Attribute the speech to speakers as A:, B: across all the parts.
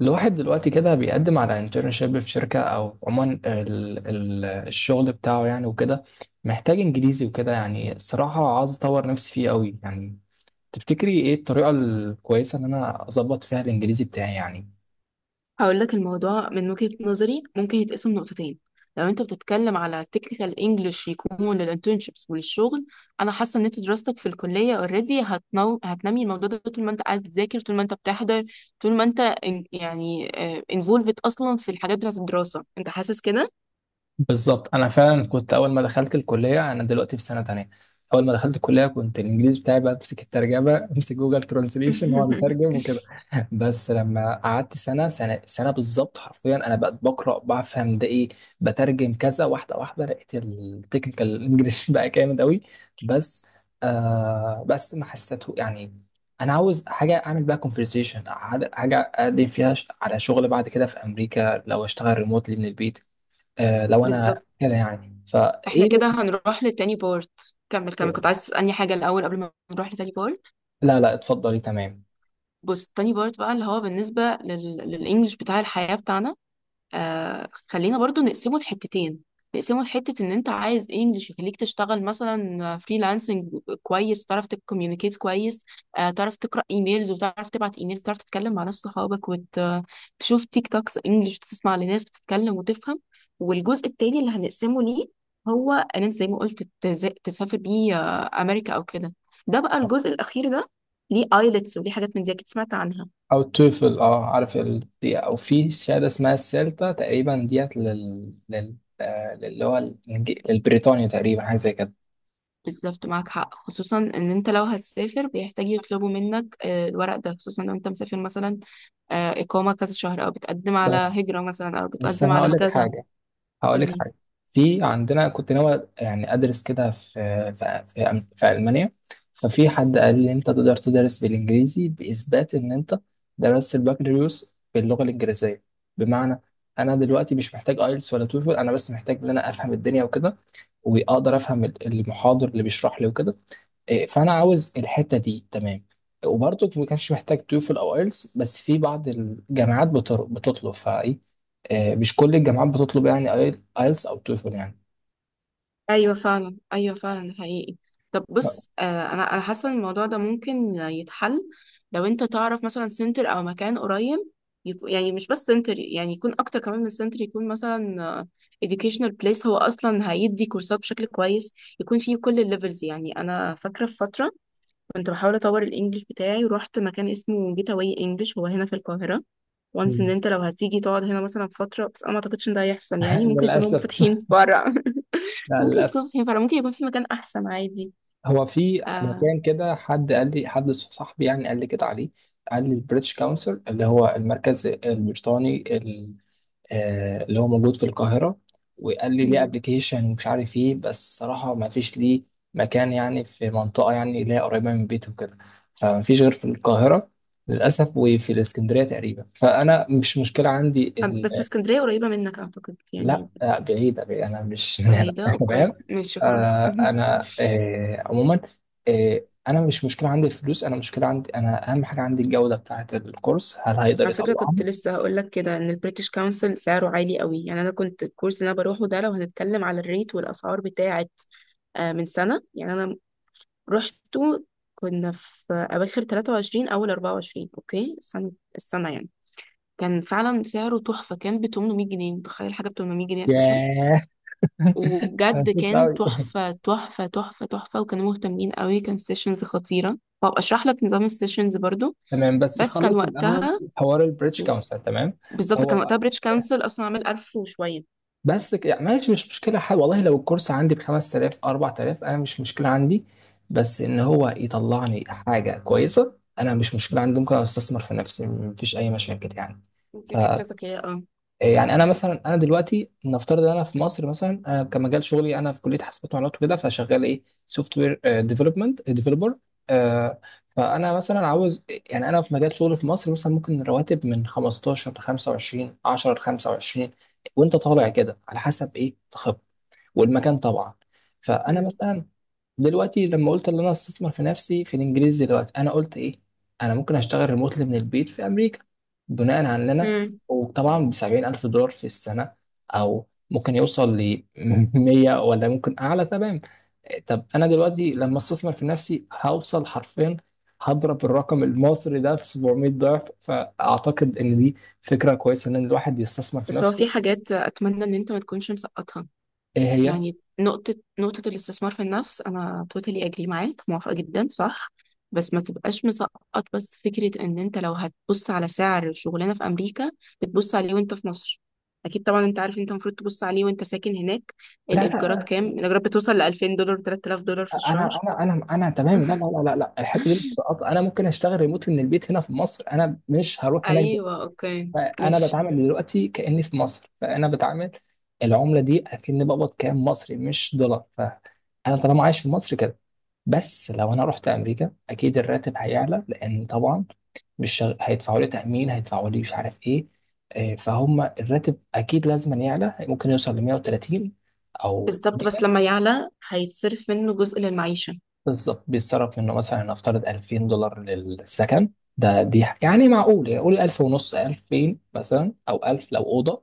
A: الواحد دلوقتي كده بيقدم على انترنشيب في شركة أو عموما الشغل بتاعه يعني وكده محتاج إنجليزي وكده يعني الصراحة عاوز أطور نفسي فيه أوي يعني. تفتكري إيه الطريقة الكويسة إن أنا أظبط فيها الإنجليزي بتاعي يعني؟
B: هقول لك الموضوع من وجهة نظري ممكن يتقسم نقطتين. لو انت بتتكلم على تكنيكال انجلش يكون للانترنشيبس وللشغل، انا حاسه ان انت دراستك في الكليه اوريدي هتنمي الموضوع ده طول ما انت قاعد بتذاكر، طول ما انت بتحضر، طول ما انت يعني انفولفد اصلا في الحاجات بتاعه الدراسه، انت حاسس كده؟
A: بالظبط، انا فعلا كنت اول ما دخلت الكليه، انا دلوقتي في سنه تانية. اول ما دخلت الكليه كنت الانجليزي بتاعي بقى امسك الترجمه امسك جوجل ترانسليشن واقعد اترجم وكده. بس لما قعدت سنه سنه سنه بالظبط حرفيا انا بقيت بقرا بفهم ده ايه، بترجم كذا واحده واحده لقيت التكنيكال انجلش بقى جامد قوي. بس آه بس ما حسيته يعني. انا عاوز حاجه اعمل بقى كونفرسيشن، حاجه أقدم فيها على شغل بعد كده في امريكا لو اشتغل ريموتلي من البيت. آه لو انا
B: بالظبط،
A: كده يعني
B: احنا
A: فايه.
B: كده هنروح للتاني بارت. كمل كمل، كنت عايز تسألني حاجة الأول قبل ما نروح لتاني بارت؟
A: لا لا، اتفضلي تمام.
B: بص، تاني بارت بقى اللي هو بالنسبة للإنجليش بتاع الحياة بتاعنا. خلينا برضو نقسمه لحتتين. نقسمه لحتة ان انت عايز انجلش يخليك تشتغل مثلا فريلانسنج، كويس، تعرف تكوميونيكيت كويس، تعرف تقرأ ايميلز وتعرف تبعت ايميل، تعرف تتكلم مع ناس صحابك وتشوف تيك توكس انجلش وتسمع لناس بتتكلم وتفهم. والجزء التاني اللي هنقسمه ليه هو ان انت زي ما قلت تسافر بيه امريكا او كده. ده بقى الجزء الاخير ده، ليه ايلتس وليه حاجات من دي اكيد سمعت عنها.
A: او التوفل، اه عارف دي، او في شهاده اسمها السيلتا تقريبا ديت لل اللي هو للبريطانيا تقريبا حاجه زي كده.
B: بالظبط، معاك حق، خصوصا ان انت لو هتسافر بيحتاج يطلبوا منك الورق ده، خصوصا لو انت مسافر مثلا إقامة كذا شهر، او بتقدم على
A: بس
B: هجرة مثلا، او
A: بس
B: بتقدم
A: انا
B: على
A: هقول لك
B: كذا.
A: حاجه هقول لك
B: قولي.
A: حاجه في عندنا كنت ناوي يعني ادرس كده في المانيا. ففي حد قال لي انت تقدر تدرس بالانجليزي باثبات ان انت درست البكالوريوس باللغه الانجليزيه. بمعنى، انا دلوقتي مش محتاج ايلتس ولا توفل، انا بس محتاج ان انا افهم الدنيا وكده واقدر افهم المحاضر اللي بيشرح لي وكده. إيه، فانا عاوز الحته دي تمام. وبرضه ما كانش محتاج توفل او ايلتس بس في بعض الجامعات بتطلب فايه. إيه، مش كل الجامعات بتطلب يعني ايلتس او توفل يعني.
B: ايوه فعلا، ايوه فعلا، ده حقيقي. طب بص، انا حاسة ان الموضوع ده ممكن يتحل، لو انت تعرف مثلا سنتر او مكان قريب، يكون يعني مش بس سنتر، يعني يكون اكتر كمان من سنتر، يكون مثلا educational place، هو اصلا هيدي كورسات بشكل كويس، يكون فيه كل الليفلز. يعني انا فاكرة في فترة كنت بحاول اطور الانجليش بتاعي ورحت مكان اسمه جيت اواي انجليش، هو هنا في القاهره. وانس ان
A: مم.
B: انت لو هتيجي تقعد هنا مثلا فتره، بس انا ما اعتقدش ان ده هيحصل، يعني ممكن يكونوا
A: للأسف.
B: فاتحين في فرع.
A: لا
B: ممكن يكونوا
A: للأسف.
B: فاتحين فرع، ممكن يكون في مكان احسن عادي.
A: هو في
B: آه.
A: مكان كده، حد صاحبي يعني قال لي كده عليه. قال لي البريتش كونسل اللي هو المركز البريطاني، اللي هو موجود في القاهرة. وقال لي ليه
B: مم.
A: ابلكيشن ومش عارف ايه، بس صراحة ما فيش ليه مكان يعني في منطقة يعني اللي هي قريبة من بيته وكده، فما فيش غير في القاهرة للأسف وفي الإسكندرية تقريبا، فأنا مش مشكلة عندي
B: بس اسكندريه قريبه منك اعتقد
A: لا،
B: يعني.
A: بعيدة بعيدة أنا مش من هنا
B: بعيده،
A: تمام.
B: اوكي ماشي خلاص.
A: أنا عموما، أنا مش مشكلة عندي الفلوس، أنا مشكلة عندي أنا أهم حاجة عندي الجودة بتاعة الكورس، هل هيقدر
B: على فكرة،
A: يطلعها؟
B: كنت لسه هقول لك كده ان البريتش كونسل سعره عالي قوي، يعني انا كنت الكورس اللي انا بروحه ده، لو هنتكلم على الريت والاسعار بتاعت من سنة يعني، انا رحته، كنا في أواخر 23 أول 24. أوكي، السنة السنة يعني، كان فعلا سعره تحفة، كان ب 800 جنيه. متخيل حاجة ب 800 جنيه أساسا؟
A: ياه
B: وبجد كان
A: أوي.
B: تحفة تحفة تحفة تحفة، وكانوا مهتمين قوي، كان سيشنز خطيرة، وأبقى أشرح لك نظام السيشنز برضو.
A: تمام بس
B: بس كان
A: نخلص الاول
B: وقتها،
A: حوار البريتش كونسل تمام.
B: بالظبط، كان
A: هو
B: وقتها بريتش كانسل أصلا عامل 1000 وشوية.
A: بس يعني ماشي، مش مشكله حاجه والله، لو الكورس عندي ب 5000 4000 انا مش مشكله عندي، بس ان هو يطلعني حاجه كويسه انا مش مشكله عندي، ممكن استثمر في نفسي مفيش اي مشاكل يعني.
B: دي فكرة ذكية، اه.
A: يعني انا مثلا، انا دلوقتي نفترض ان انا في مصر مثلا، انا كمجال شغلي انا في كليه حاسبات ومعلومات وكده، فشغال ايه سوفت وير ديفلوبمنت ديفلوبر. فانا مثلا عاوز يعني، انا في مجال شغلي في مصر مثلا ممكن رواتب من 15 ل 25، 10 ل 25 وانت طالع كده على حسب ايه والمكان طبعا. فانا
B: مم.
A: مثلا دلوقتي لما قلت ان انا استثمر في نفسي في الانجليزي دلوقتي انا قلت ايه، انا ممكن اشتغل ريموتلي من البيت في امريكا بناء على ان انا،
B: مم.
A: وطبعا ب 70000 الف دولار في السنه، او ممكن يوصل ل 100 ولا ممكن اعلى تمام. طب انا دلوقتي لما استثمر في نفسي هوصل حرفيا، هضرب الرقم المصري ده في 700 ضعف، فاعتقد ان دي فكره كويسه ان الواحد يستثمر في
B: بس هو
A: نفسه.
B: في حاجات أتمنى إن أنت ما تكونش مسقطها.
A: ايه هي؟
B: يعني نقطة، نقطة الاستثمار في النفس، أنا توتالي أجري معاك، موافقة جدا، صح. بس ما تبقاش مسقط، بس فكرة إن أنت لو هتبص على سعر الشغلانة في أمريكا، بتبص عليه وأنت في مصر. أكيد طبعا أنت عارف أنت المفروض تبص عليه وأنت ساكن هناك.
A: لا
B: الإيجارات
A: لا
B: كام؟
A: لا،
B: الإيجارات بتوصل ل 2000 دولار 3000 دولار في الشهر.
A: انا تمام، لا لا لا لا لا، الحته دي مش بتبقى- انا ممكن اشتغل ريموت من البيت هنا في مصر، انا مش هروح هناك
B: أيوه
A: دلوقتي.
B: أوكي
A: انا
B: ماشي.
A: بتعامل دلوقتي كاني في مصر، فانا بتعامل العمله دي اكني بقبض كام مصري مش دولار، فانا طالما عايش في مصر كده. بس لو انا رحت امريكا اكيد الراتب هيعلى لان طبعا مش شغ- هيدفعوا لي تامين، هيدفعوا لي مش عارف ايه. فهم الراتب اكيد لازم يعلى، ممكن يوصل ل 130 او.
B: بالظبط، بس لما يعلى هيتصرف منه جزء للمعيشة.
A: بالظبط بيتصرف منه مثلا، نفترض 2000 دولار للسكن، ده دي يعني معقول يعني، قول 1000 ونص، 2000 مثلا او 1000 لو اوضه.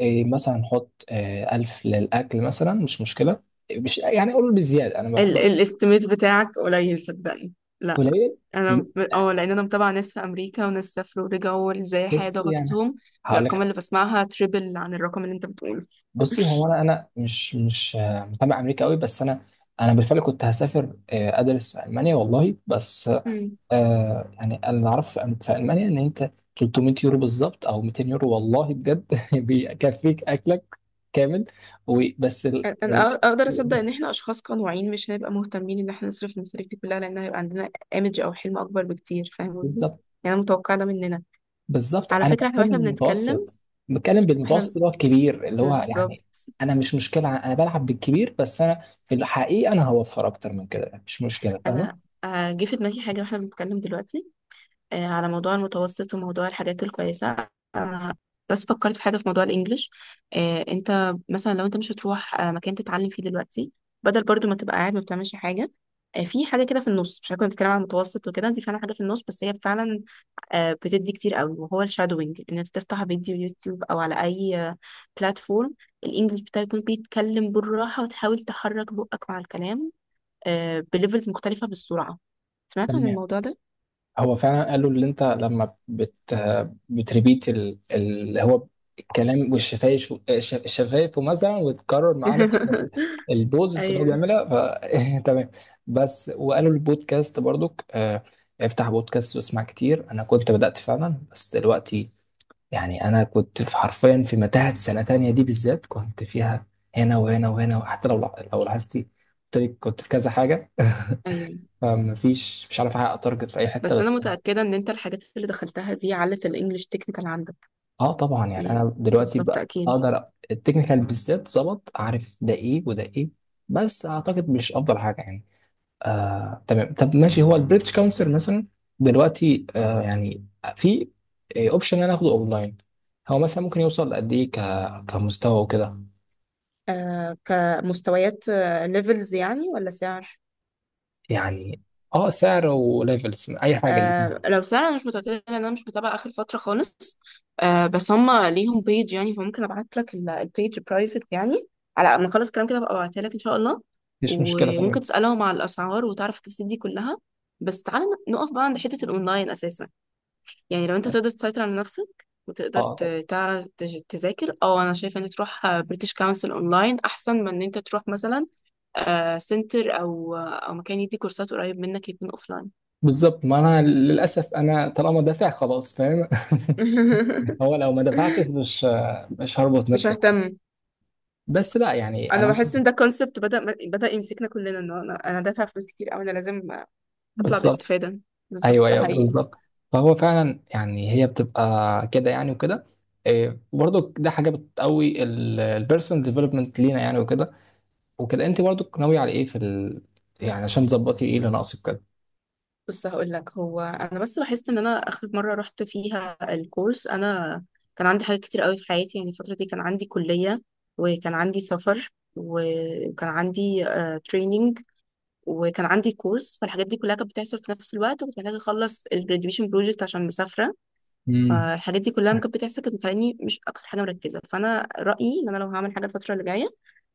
A: إيه مثلا نحط إيه 1000 للاكل مثلا مش مشكله، مش يعني قول بزياده انا
B: ال
A: بحب.
B: الاستيميت بتاعك قليل صدقني، لا.
A: قليل.
B: انا لان انا متابعه ناس في امريكا وناس سافروا ورجعوا ازاي الحياه
A: بص يعني
B: ضغطتهم.
A: هقول لك
B: الارقام
A: حاجة.
B: اللي بسمعها تريبل عن الرقم اللي انت بتقوله.
A: بصي، هو انا مش متابع امريكا قوي بس انا، انا بالفعل كنت هسافر ادرس في المانيا والله، بس
B: مم.
A: آه يعني انا اللي اعرفه في في المانيا ان انت 300 يورو بالظبط او 200 يورو والله بجد بيكفيك اكلك كامل. وبس
B: انا اقدر اصدق ان احنا اشخاص قنوعين مش هنبقى مهتمين ان احنا نصرف المصاريف دي كلها، لان هيبقى عندنا ايمج او حلم اكبر بكتير، فاهم قصدي؟
A: بالظبط.
B: يعني انا متوقعه ده مننا.
A: بالظبط
B: على
A: انا
B: فكره احنا
A: بتكلم
B: واحنا بنتكلم،
A: المتوسط، بتكلم
B: احنا
A: بالمتوسط اللي هو الكبير اللي هو
B: بالظبط.
A: يعني. انا مش مشكله، انا بلعب بالكبير بس انا في الحقيقه انا هوفر اكتر من كده مش مشكله، فاهمه؟
B: انا جه في دماغي حاجه واحنا بنتكلم دلوقتي على موضوع المتوسط وموضوع الحاجات الكويسة. أنا بس فكرت في حاجة في موضوع الإنجليش. أنت مثلا لو أنت مش هتروح مكان تتعلم فيه دلوقتي، بدل برضو ما تبقى قاعد ما بتعملش حاجة، في حاجة كده في النص، مش هكون بتكلم عن المتوسط وكده، دي فعلا حاجة في النص، بس هي فعلا بتدي كتير قوي، وهو الشادوينج، إن أنت تفتح فيديو يوتيوب أو على أي بلاتفورم، الإنجليش بتاعك يكون بيتكلم بالراحة، وتحاول تحرك بقك مع الكلام بليفلز مختلفة بالسرعة. سمعت عن
A: تمام.
B: الموضوع ده؟
A: هو فعلا قالوا اللي انت لما بت بتريبيت اللي هو الكلام، والشفايف الشفايف مثلا، وتكرر معاه نفس البوزس اللي هو
B: ايوه
A: بيعملها. ف تمام. بس وقالوا البودكاست برضك، افتح بودكاست واسمع كتير. انا كنت بدأت فعلا بس دلوقتي يعني انا كنت في حرفيا في متاهة، سنة تانية دي بالذات كنت فيها هنا وهنا وهنا، وحتى لو لاحظتي قلت لك كنت في كذا حاجة
B: ايوه،
A: فمفيش، مش عارف احقق تارجت في اي حتة.
B: بس انا
A: بس
B: متاكده ان انت الحاجات اللي دخلتها دي علت الانجليش تكنيكال عندك
A: اه طبعا يعني
B: يعني،
A: انا دلوقتي
B: بالظبط
A: بقى
B: اكيد.
A: اقدر، التكنيكال بالذات ظبط، عارف ده ايه وده ايه، بس اعتقد مش افضل حاجه يعني. آه تمام طب ماشي، هو البريتش كونسل مثلا دلوقتي آه يعني في اوبشن ان انا اخده اونلاين. هو مثلا ممكن يوصل لقد ايه كمستوى وكده؟
B: آه، كمستويات ليفلز يعني ولا سعر؟
A: يعني اه سعر وليفلز اي حاجه
B: آه،
A: الاتنين.
B: لو سعر انا مش متاكده لان انا مش متابعه اخر فتره خالص. آه، بس هم ليهم بيج يعني، فممكن ابعت لك البيج برايفت يعني، على ما اخلص الكلام كده ببقى ابعتها لك ان شاء الله.
A: مفيش مشكله
B: وممكن
A: تمام.
B: تسالهم على الاسعار وتعرف التفاصيل دي كلها. بس تعالى نقف بقى عند حته الاونلاين اساسا، يعني لو انت تقدر تسيطر على نفسك وتقدر
A: اه طب
B: تعرف تذاكر، او انا شايفه ان تروح بريتش كونسل اونلاين احسن من ان انت تروح مثلا سنتر او مكان يدي كورسات قريب منك، يكون اوفلاين.
A: بالظبط، ما انا للاسف انا طالما دافع خلاص فاهم هو لو ما دفعتش مش هربط
B: مش
A: نفسي،
B: ههتم.
A: بس لا يعني
B: انا
A: انا
B: بحس ان ده كونسبت بدأ يمسكنا كلنا، ان انا دافع فلوس كتير او انا لازم اطلع
A: بالظبط
B: باستفادة، بالظبط
A: ايوه
B: ده
A: ايوه
B: حقيقي.
A: بالظبط. فهو فعلا يعني هي بتبقى كده يعني وكده. إيه، برضو ده حاجه بتقوي البيرسونال ديفلوبمنت لينا يعني وكده. وكده انت برضو ناويه على ايه في يعني عشان تظبطي ايه اللي ناقصك كده؟
B: بص هقول لك، هو انا بس لاحظت ان انا اخر مره رحت فيها الكورس انا كان عندي حاجات كتير قوي في حياتي، يعني الفتره دي كان عندي كليه، وكان عندي سفر، وكان عندي تريننج، وكان عندي كورس، فالحاجات دي كلها كانت بتحصل في نفس الوقت، وكنت محتاجه اخلص الجراديويشن بروجكت عشان مسافره.
A: امم.
B: فالحاجات دي كلها لما كانت بتحصل كانت مخليني مش اكتر حاجه مركزه، فانا رايي ان انا لو هعمل حاجه الفتره اللي جايه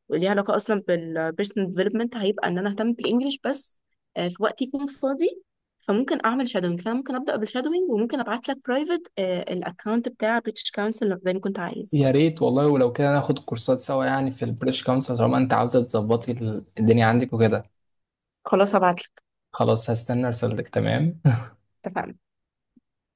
B: وليها علاقة أصلا بالبيرسونال ديفلوبمنت، هيبقى إن أنا أهتم بالإنجليش بس، في وقت يكون فاضي. فممكن أعمل شادوينج، فأنا ممكن أبدأ بالشادوينج، وممكن أبعت لك برايفت الأكونت بتاع بريتش كونسل زي ما كنت عايز.
A: يا ريت والله، ولو كده ناخد كورسات سوا يعني في البريتش كونسل طالما انت عاوزه تظبطي الدنيا عندك وكده.
B: خلاص هبعت لك.
A: خلاص هستنى رسالتك تمام.
B: اتفقنا.